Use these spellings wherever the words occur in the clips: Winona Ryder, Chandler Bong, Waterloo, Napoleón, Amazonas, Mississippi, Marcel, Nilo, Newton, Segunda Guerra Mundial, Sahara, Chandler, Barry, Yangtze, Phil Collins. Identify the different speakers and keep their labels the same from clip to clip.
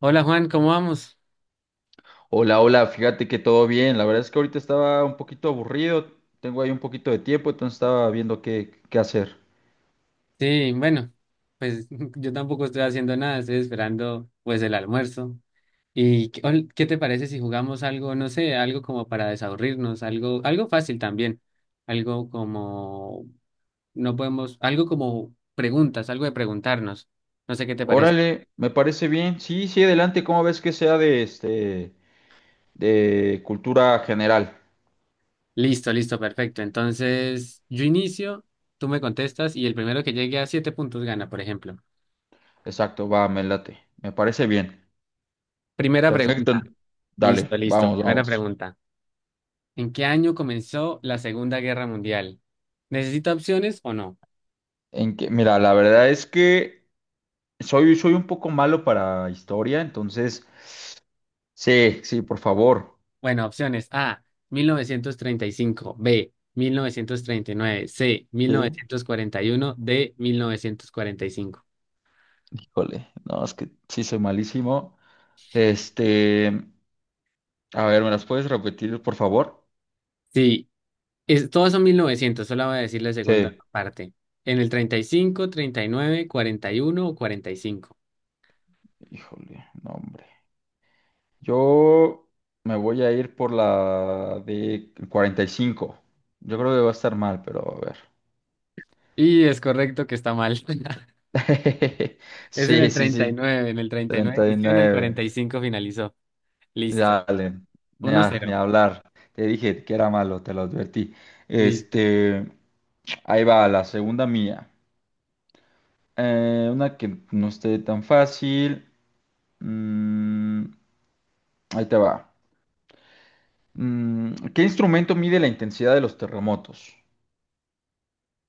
Speaker 1: Hola Juan, ¿cómo vamos?
Speaker 2: Hola, hola, fíjate que todo bien. La verdad es que ahorita estaba un poquito aburrido, tengo ahí un poquito de tiempo, entonces estaba viendo qué hacer.
Speaker 1: Sí, bueno, pues yo tampoco estoy haciendo nada, estoy esperando pues el almuerzo. ¿Y qué te parece si jugamos algo? No sé, algo como para desaburrirnos, algo fácil también, algo como, no podemos, algo como preguntas, algo de preguntarnos, no sé qué te parece.
Speaker 2: Órale, me parece bien. Sí, sí, adelante, ¿cómo ves que sea de cultura general?
Speaker 1: Listo, listo, perfecto. Entonces, yo inicio, tú me contestas y el primero que llegue a siete puntos gana, por ejemplo.
Speaker 2: Exacto, va, me late. Me parece bien.
Speaker 1: Primera
Speaker 2: Perfecto.
Speaker 1: pregunta.
Speaker 2: Dale,
Speaker 1: Listo, listo,
Speaker 2: vamos,
Speaker 1: primera
Speaker 2: vamos.
Speaker 1: pregunta. ¿En qué año comenzó la Segunda Guerra Mundial? ¿Necesita opciones o no?
Speaker 2: En que, mira, la verdad es que soy un poco malo para historia, entonces, sí, sí, por favor.
Speaker 1: Bueno, opciones A, 1935, B, 1939, C,
Speaker 2: Sí,
Speaker 1: 1941, D, 1945.
Speaker 2: híjole, no, es que sí soy malísimo. Este, a ver, ¿me las puedes repetir, por favor?
Speaker 1: Sí, todos son 1900, solo voy a decir la segunda
Speaker 2: Sí.
Speaker 1: parte. En el 35, 39, 41 o 45.
Speaker 2: Híjole, no, hombre. Yo me voy a ir por la de 45. Yo creo que va a estar mal, pero a ver.
Speaker 1: Y cinco. Y es correcto que está mal. Es en
Speaker 2: Sí,
Speaker 1: el
Speaker 2: sí, sí.
Speaker 1: 39. En el 39 inició, en el
Speaker 2: 39.
Speaker 1: 45 finalizó. Listo.
Speaker 2: Dale. Ni, ni
Speaker 1: 1-0.
Speaker 2: hablar. Te dije que era malo, te lo advertí.
Speaker 1: Listo.
Speaker 2: Este, ahí va, la segunda mía. Una que no esté tan fácil. Mm, ahí te va. ¿Qué instrumento mide la intensidad de los terremotos?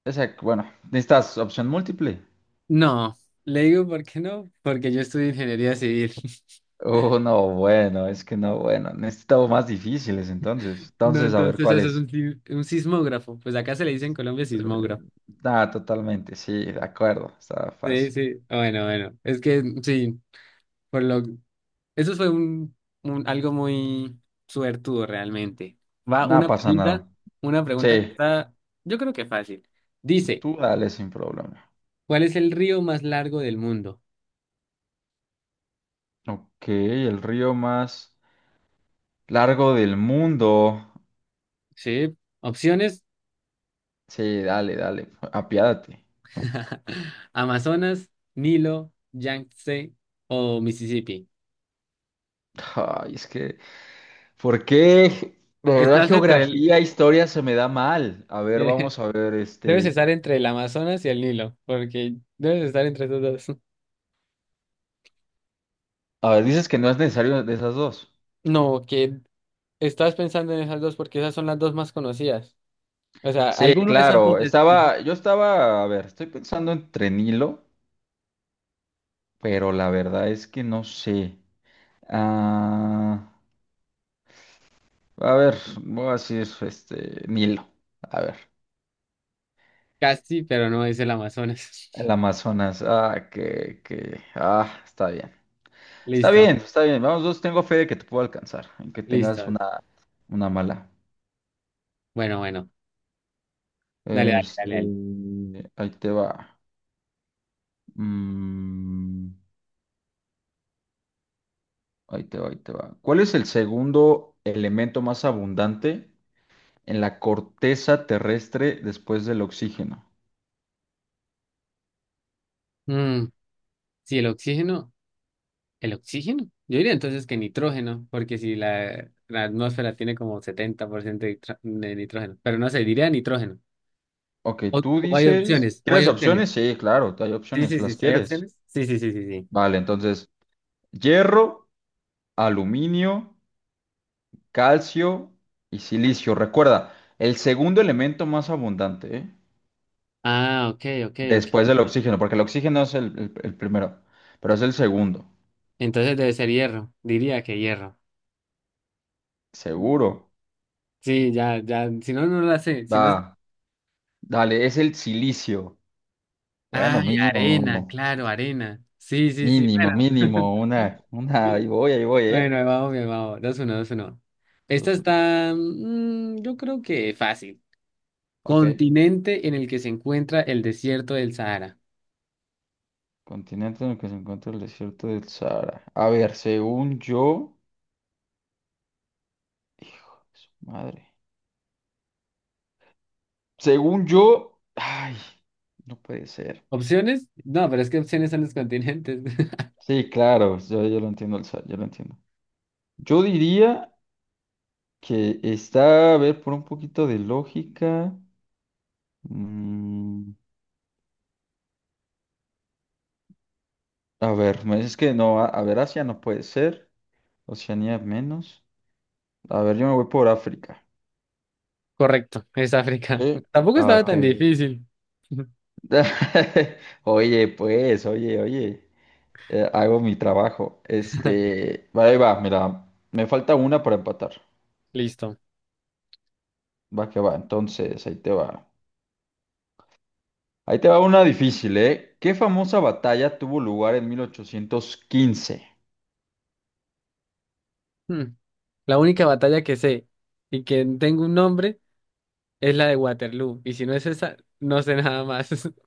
Speaker 2: Esa, bueno, ¿necesitas opción múltiple?
Speaker 1: No, le digo por qué no, porque yo estudio ingeniería civil.
Speaker 2: Oh, no, bueno, es que no, bueno, necesitamos más difíciles entonces.
Speaker 1: No,
Speaker 2: Entonces, a ver
Speaker 1: entonces
Speaker 2: cuál
Speaker 1: eso es
Speaker 2: es.
Speaker 1: un, si- un sismógrafo. Pues acá se le dice en Colombia
Speaker 2: Eh,
Speaker 1: sismógrafo.
Speaker 2: Nada totalmente, sí, de acuerdo, está
Speaker 1: Sí,
Speaker 2: fácil.
Speaker 1: sí. Ah, bueno, bueno. Es que sí, por lo eso fue algo muy suertudo realmente. Va
Speaker 2: Nada
Speaker 1: una
Speaker 2: pasa
Speaker 1: pregunta,
Speaker 2: nada.
Speaker 1: una pregunta que
Speaker 2: Sí,
Speaker 1: está, yo creo que fácil. Dice,
Speaker 2: tú dale sin problema.
Speaker 1: ¿cuál es el río más largo del mundo?
Speaker 2: Ok, el río más largo del mundo.
Speaker 1: Sí, opciones:
Speaker 2: Sí, dale, dale, apiádate.
Speaker 1: Amazonas, Nilo, Yangtze o Mississippi.
Speaker 2: Ay, es que, ¿por qué? De verdad,
Speaker 1: Estás entre el...
Speaker 2: geografía, historia se me da mal. A ver,
Speaker 1: eh,
Speaker 2: vamos a ver,
Speaker 1: Debes
Speaker 2: este.
Speaker 1: estar entre el Amazonas y el Nilo, porque debes estar entre esos dos.
Speaker 2: A ver, dices que no es necesario de esas dos.
Speaker 1: No, que estás pensando en esas dos porque esas son las dos más conocidas. O sea,
Speaker 2: Sí,
Speaker 1: alguno de esos dos
Speaker 2: claro.
Speaker 1: es-
Speaker 2: Yo estaba, a ver, estoy pensando entre Nilo, pero la verdad es que no sé. Ah, a ver, voy a decir, Nilo. A ver,
Speaker 1: Casi, pero no es el Amazonas.
Speaker 2: el Amazonas. Ah, que, ah, está bien. Está
Speaker 1: Listo,
Speaker 2: bien, está bien. Vamos, dos, tengo fe de que te puedo alcanzar, en que tengas
Speaker 1: listo.
Speaker 2: una mala.
Speaker 1: Bueno, bueno. Dale, dale,
Speaker 2: Este,
Speaker 1: dale, dale.
Speaker 2: ahí te va. Mm, ahí te va, ahí te va. ¿Cuál es el segundo elemento más abundante en la corteza terrestre después del oxígeno?
Speaker 1: Mm, si el oxígeno, yo diría entonces que nitrógeno, porque si la atmósfera tiene como 70% de nitrógeno, pero no sé, diría nitrógeno.
Speaker 2: Ok,
Speaker 1: O,
Speaker 2: tú
Speaker 1: o hay
Speaker 2: dices,
Speaker 1: opciones, o hay
Speaker 2: ¿quieres
Speaker 1: opciones.
Speaker 2: opciones? Sí, claro, hay
Speaker 1: Sí,
Speaker 2: opciones,
Speaker 1: sí, sí,
Speaker 2: las
Speaker 1: sí, ¿hay
Speaker 2: quieres.
Speaker 1: opciones? Sí, sí, sí, sí, sí.
Speaker 2: Vale, entonces, hierro, aluminio, calcio y silicio. Recuerda, el segundo elemento más abundante, ¿eh?
Speaker 1: Ah, ok, ok, ok,
Speaker 2: Después del
Speaker 1: ok.
Speaker 2: oxígeno, porque el oxígeno es el primero, pero es el segundo.
Speaker 1: Entonces debe ser hierro, diría que hierro.
Speaker 2: Seguro.
Speaker 1: Sí, ya, ya, si no, no la sé, si no...
Speaker 2: Va, dale, es el silicio. Bueno,
Speaker 1: Ay, arena,
Speaker 2: mínimo,
Speaker 1: claro, arena. Sí, sí, sí,
Speaker 2: mínimo,
Speaker 1: bueno.
Speaker 2: mínimo, una, ahí voy,
Speaker 1: Bueno,
Speaker 2: ¿eh?
Speaker 1: ahí vamos, bien, vamos, 2-1, 2-1. Esta
Speaker 2: Dos, uno.
Speaker 1: está, yo creo que fácil.
Speaker 2: Ok.
Speaker 1: Continente en el que se encuentra el desierto del Sahara.
Speaker 2: Continente en el que se encuentra el desierto del Sahara. A ver, según yo, hijo de su madre. Según yo, ay, no puede ser.
Speaker 1: ¿Opciones? No, pero es que opciones son los continentes.
Speaker 2: Sí, claro, yo lo entiendo, el Sahara, yo lo entiendo. Yo diría que está, a ver, por un poquito de lógica. mm, A ver, me dices que no, a ver, Asia no puede ser, Oceanía menos. A ver, yo me voy por África.
Speaker 1: Correcto, es África.
Speaker 2: Sí.
Speaker 1: Tampoco
Speaker 2: Ah,
Speaker 1: estaba, ah,
Speaker 2: ok.
Speaker 1: tan ok, difícil.
Speaker 2: Oye, pues, oye, oye, hago mi trabajo. Va, ahí va, mira, me falta una para empatar.
Speaker 1: Listo.
Speaker 2: Va que va, entonces, ahí te va. Ahí te va una difícil, ¿eh? ¿Qué famosa batalla tuvo lugar en 1815?
Speaker 1: Hmm, La única batalla que sé y que tengo un nombre es la de Waterloo. Y si no es esa, no sé nada más.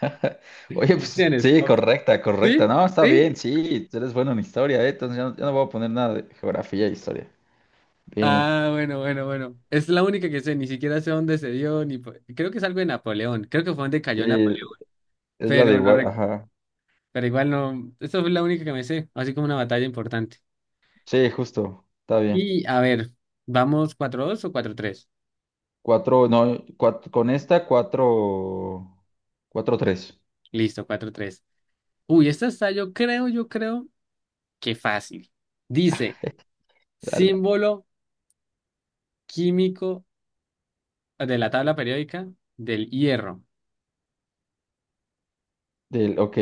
Speaker 2: Oye, pues
Speaker 1: Opciones.
Speaker 2: sí, correcta, correcta.
Speaker 1: ¿Sí?
Speaker 2: No, está
Speaker 1: ¿Sí?
Speaker 2: bien, sí, eres bueno en historia, ¿eh? Entonces yo no voy a poner nada de geografía e historia. Bien,
Speaker 1: Ah, bueno, bueno, bueno. Es la única que sé. Ni siquiera sé dónde se dio. Ni... po- Creo que es algo de Napoleón. Creo que fue donde cayó
Speaker 2: sí,
Speaker 1: Napoleón.
Speaker 2: es la de
Speaker 1: Pero no
Speaker 2: igual,
Speaker 1: rec-
Speaker 2: ajá.
Speaker 1: Pero igual no. Esta fue la única que me sé. Así como una batalla importante.
Speaker 2: Sí, justo, está bien.
Speaker 1: Y a ver, vamos 4-2 o 4-3.
Speaker 2: Cuatro, no, con esta, cuatro, cuatro, tres.
Speaker 1: Listo, 4-3. Uy, esta está, yo creo que fácil. Dice.
Speaker 2: Dale.
Speaker 1: Símbolo químico de la tabla periódica del hierro.
Speaker 2: Ok,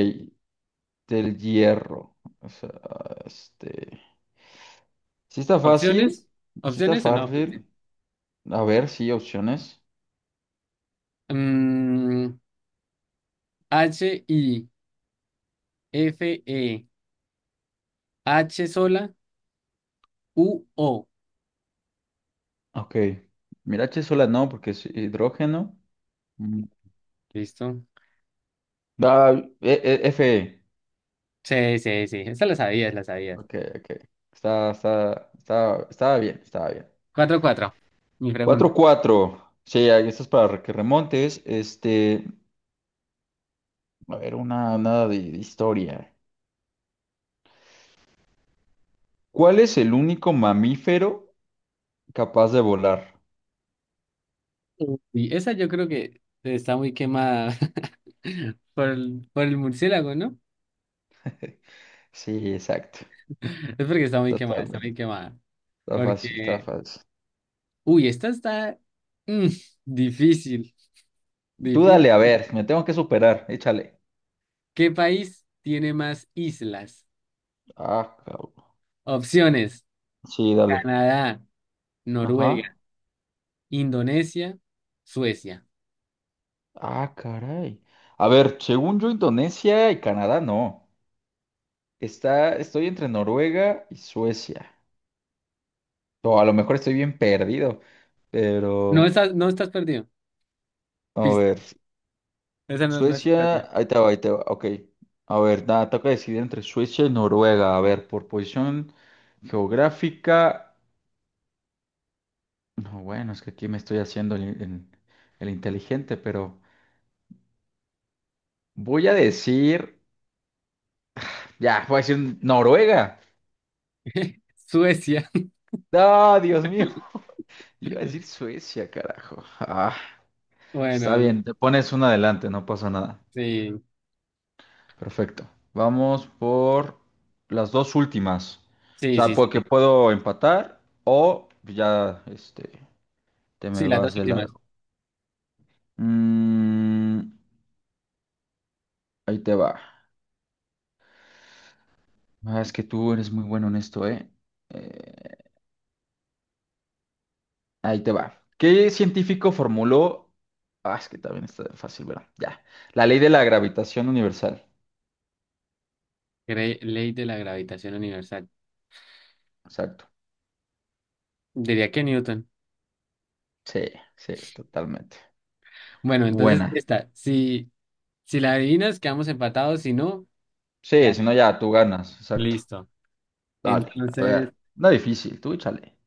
Speaker 2: del hierro. O sea, este. Sí está fácil,
Speaker 1: ¿Opciones?
Speaker 2: sí está
Speaker 1: ¿Opciones o no?
Speaker 2: fácil. A ver, sí, opciones.
Speaker 1: Mm, H, I, F, E, H sola, U, O.
Speaker 2: Ok. Mirache sola no, porque es hidrógeno. Mm.
Speaker 1: ¿Listo?
Speaker 2: Ah, Fe.
Speaker 1: Sí, sí, sí. Esa la sabías, la sabías.
Speaker 2: Ok, ok. Estaba bien, estaba bien.
Speaker 1: 4-4. Mi
Speaker 2: Cuatro
Speaker 1: pregunta.
Speaker 2: cuatro, sí, ahí esto es para que remontes. A ver, una, nada de historia. ¿Cuál es el único mamífero capaz de volar?
Speaker 1: Y esa yo creo que está muy quemada por el murciélago, ¿no?
Speaker 2: Sí, exacto.
Speaker 1: Es porque está muy quemada, está muy
Speaker 2: Totalmente.
Speaker 1: quemada.
Speaker 2: Está fácil, está
Speaker 1: Porque,
Speaker 2: fácil.
Speaker 1: uy, esta está mm, difícil,
Speaker 2: Tú
Speaker 1: difícil.
Speaker 2: dale, a ver, me tengo que superar. Échale.
Speaker 1: ¿Qué país tiene más islas?
Speaker 2: Ah, cabrón.
Speaker 1: Opciones:
Speaker 2: Sí, dale.
Speaker 1: Canadá,
Speaker 2: Ajá.
Speaker 1: Noruega, Indonesia, Suecia.
Speaker 2: Ah, caray. A ver, según yo, Indonesia y Canadá no. Estoy entre Noruega y Suecia. O a lo mejor estoy bien perdido.
Speaker 1: No
Speaker 2: Pero,
Speaker 1: estás, no estás perdido.
Speaker 2: a
Speaker 1: Pista.
Speaker 2: ver.
Speaker 1: Esa no, no estás perdido.
Speaker 2: Suecia, ahí te va, ahí te va. Ok. A ver, nada, toca decidir entre Suecia y Noruega. A ver, por posición geográfica. No, bueno, es que aquí me estoy haciendo el inteligente, pero voy a decir. Ya, voy a decir Noruega.
Speaker 1: Suecia.
Speaker 2: ¡Ah, Dios mío! Iba a decir Suecia, carajo. Ah, está
Speaker 1: Bueno,
Speaker 2: bien, te pones una adelante, no pasa nada.
Speaker 1: sí.
Speaker 2: Perfecto. Vamos por las dos últimas. O
Speaker 1: Sí,
Speaker 2: sea,
Speaker 1: sí, sí,
Speaker 2: porque
Speaker 1: sí.
Speaker 2: puedo empatar o ya te me
Speaker 1: Sí, las dos
Speaker 2: vas de
Speaker 1: últimas.
Speaker 2: largo. Mm, ahí te va. Ah, es que tú eres muy bueno en esto, ¿eh? Eh, ahí te va. ¿Qué científico formuló? Ah, es que también está fácil, ¿verdad? Ya. La ley de la gravitación universal.
Speaker 1: Ley de la gravitación universal.
Speaker 2: Exacto.
Speaker 1: Diría que Newton.
Speaker 2: Sí, sí, totalmente.
Speaker 1: Bueno, entonces
Speaker 2: Buena.
Speaker 1: esta. Si, si la adivinas, quedamos empatados. Si no,
Speaker 2: Sí, si no
Speaker 1: gané.
Speaker 2: ya tú ganas. Exacto.
Speaker 1: Listo.
Speaker 2: Dale, a
Speaker 1: Entonces.
Speaker 2: ver. No difícil, tú échale.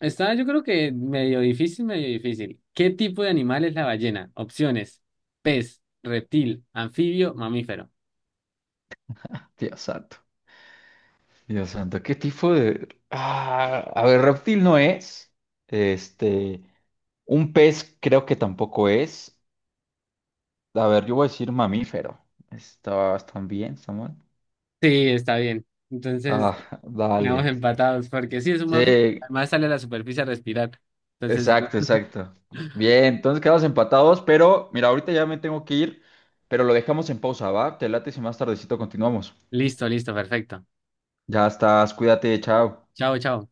Speaker 1: Está, yo creo que medio difícil, medio difícil. ¿Qué tipo de animal es la ballena? Opciones: pez, reptil, anfibio, mamífero.
Speaker 2: Dios santo, Dios santo, ¿qué tipo de? Ah, a ver, reptil no es. Este, un pez creo que tampoco es. A ver, yo voy a decir mamífero. Están bien, Samuel.
Speaker 1: Sí, está bien. Entonces,
Speaker 2: Ah,
Speaker 1: quedamos
Speaker 2: dale.
Speaker 1: empatados, porque sí es un mamífero.
Speaker 2: Sí,
Speaker 1: Además, sale a la superficie a respirar. Entonces, no.
Speaker 2: exacto, exacto. Bien, entonces quedamos empatados, pero mira, ahorita ya me tengo que ir, pero lo dejamos en pausa, ¿va? Te late si más tardecito continuamos.
Speaker 1: Listo, listo, perfecto.
Speaker 2: Ya estás, cuídate, chao.
Speaker 1: Chao, chao.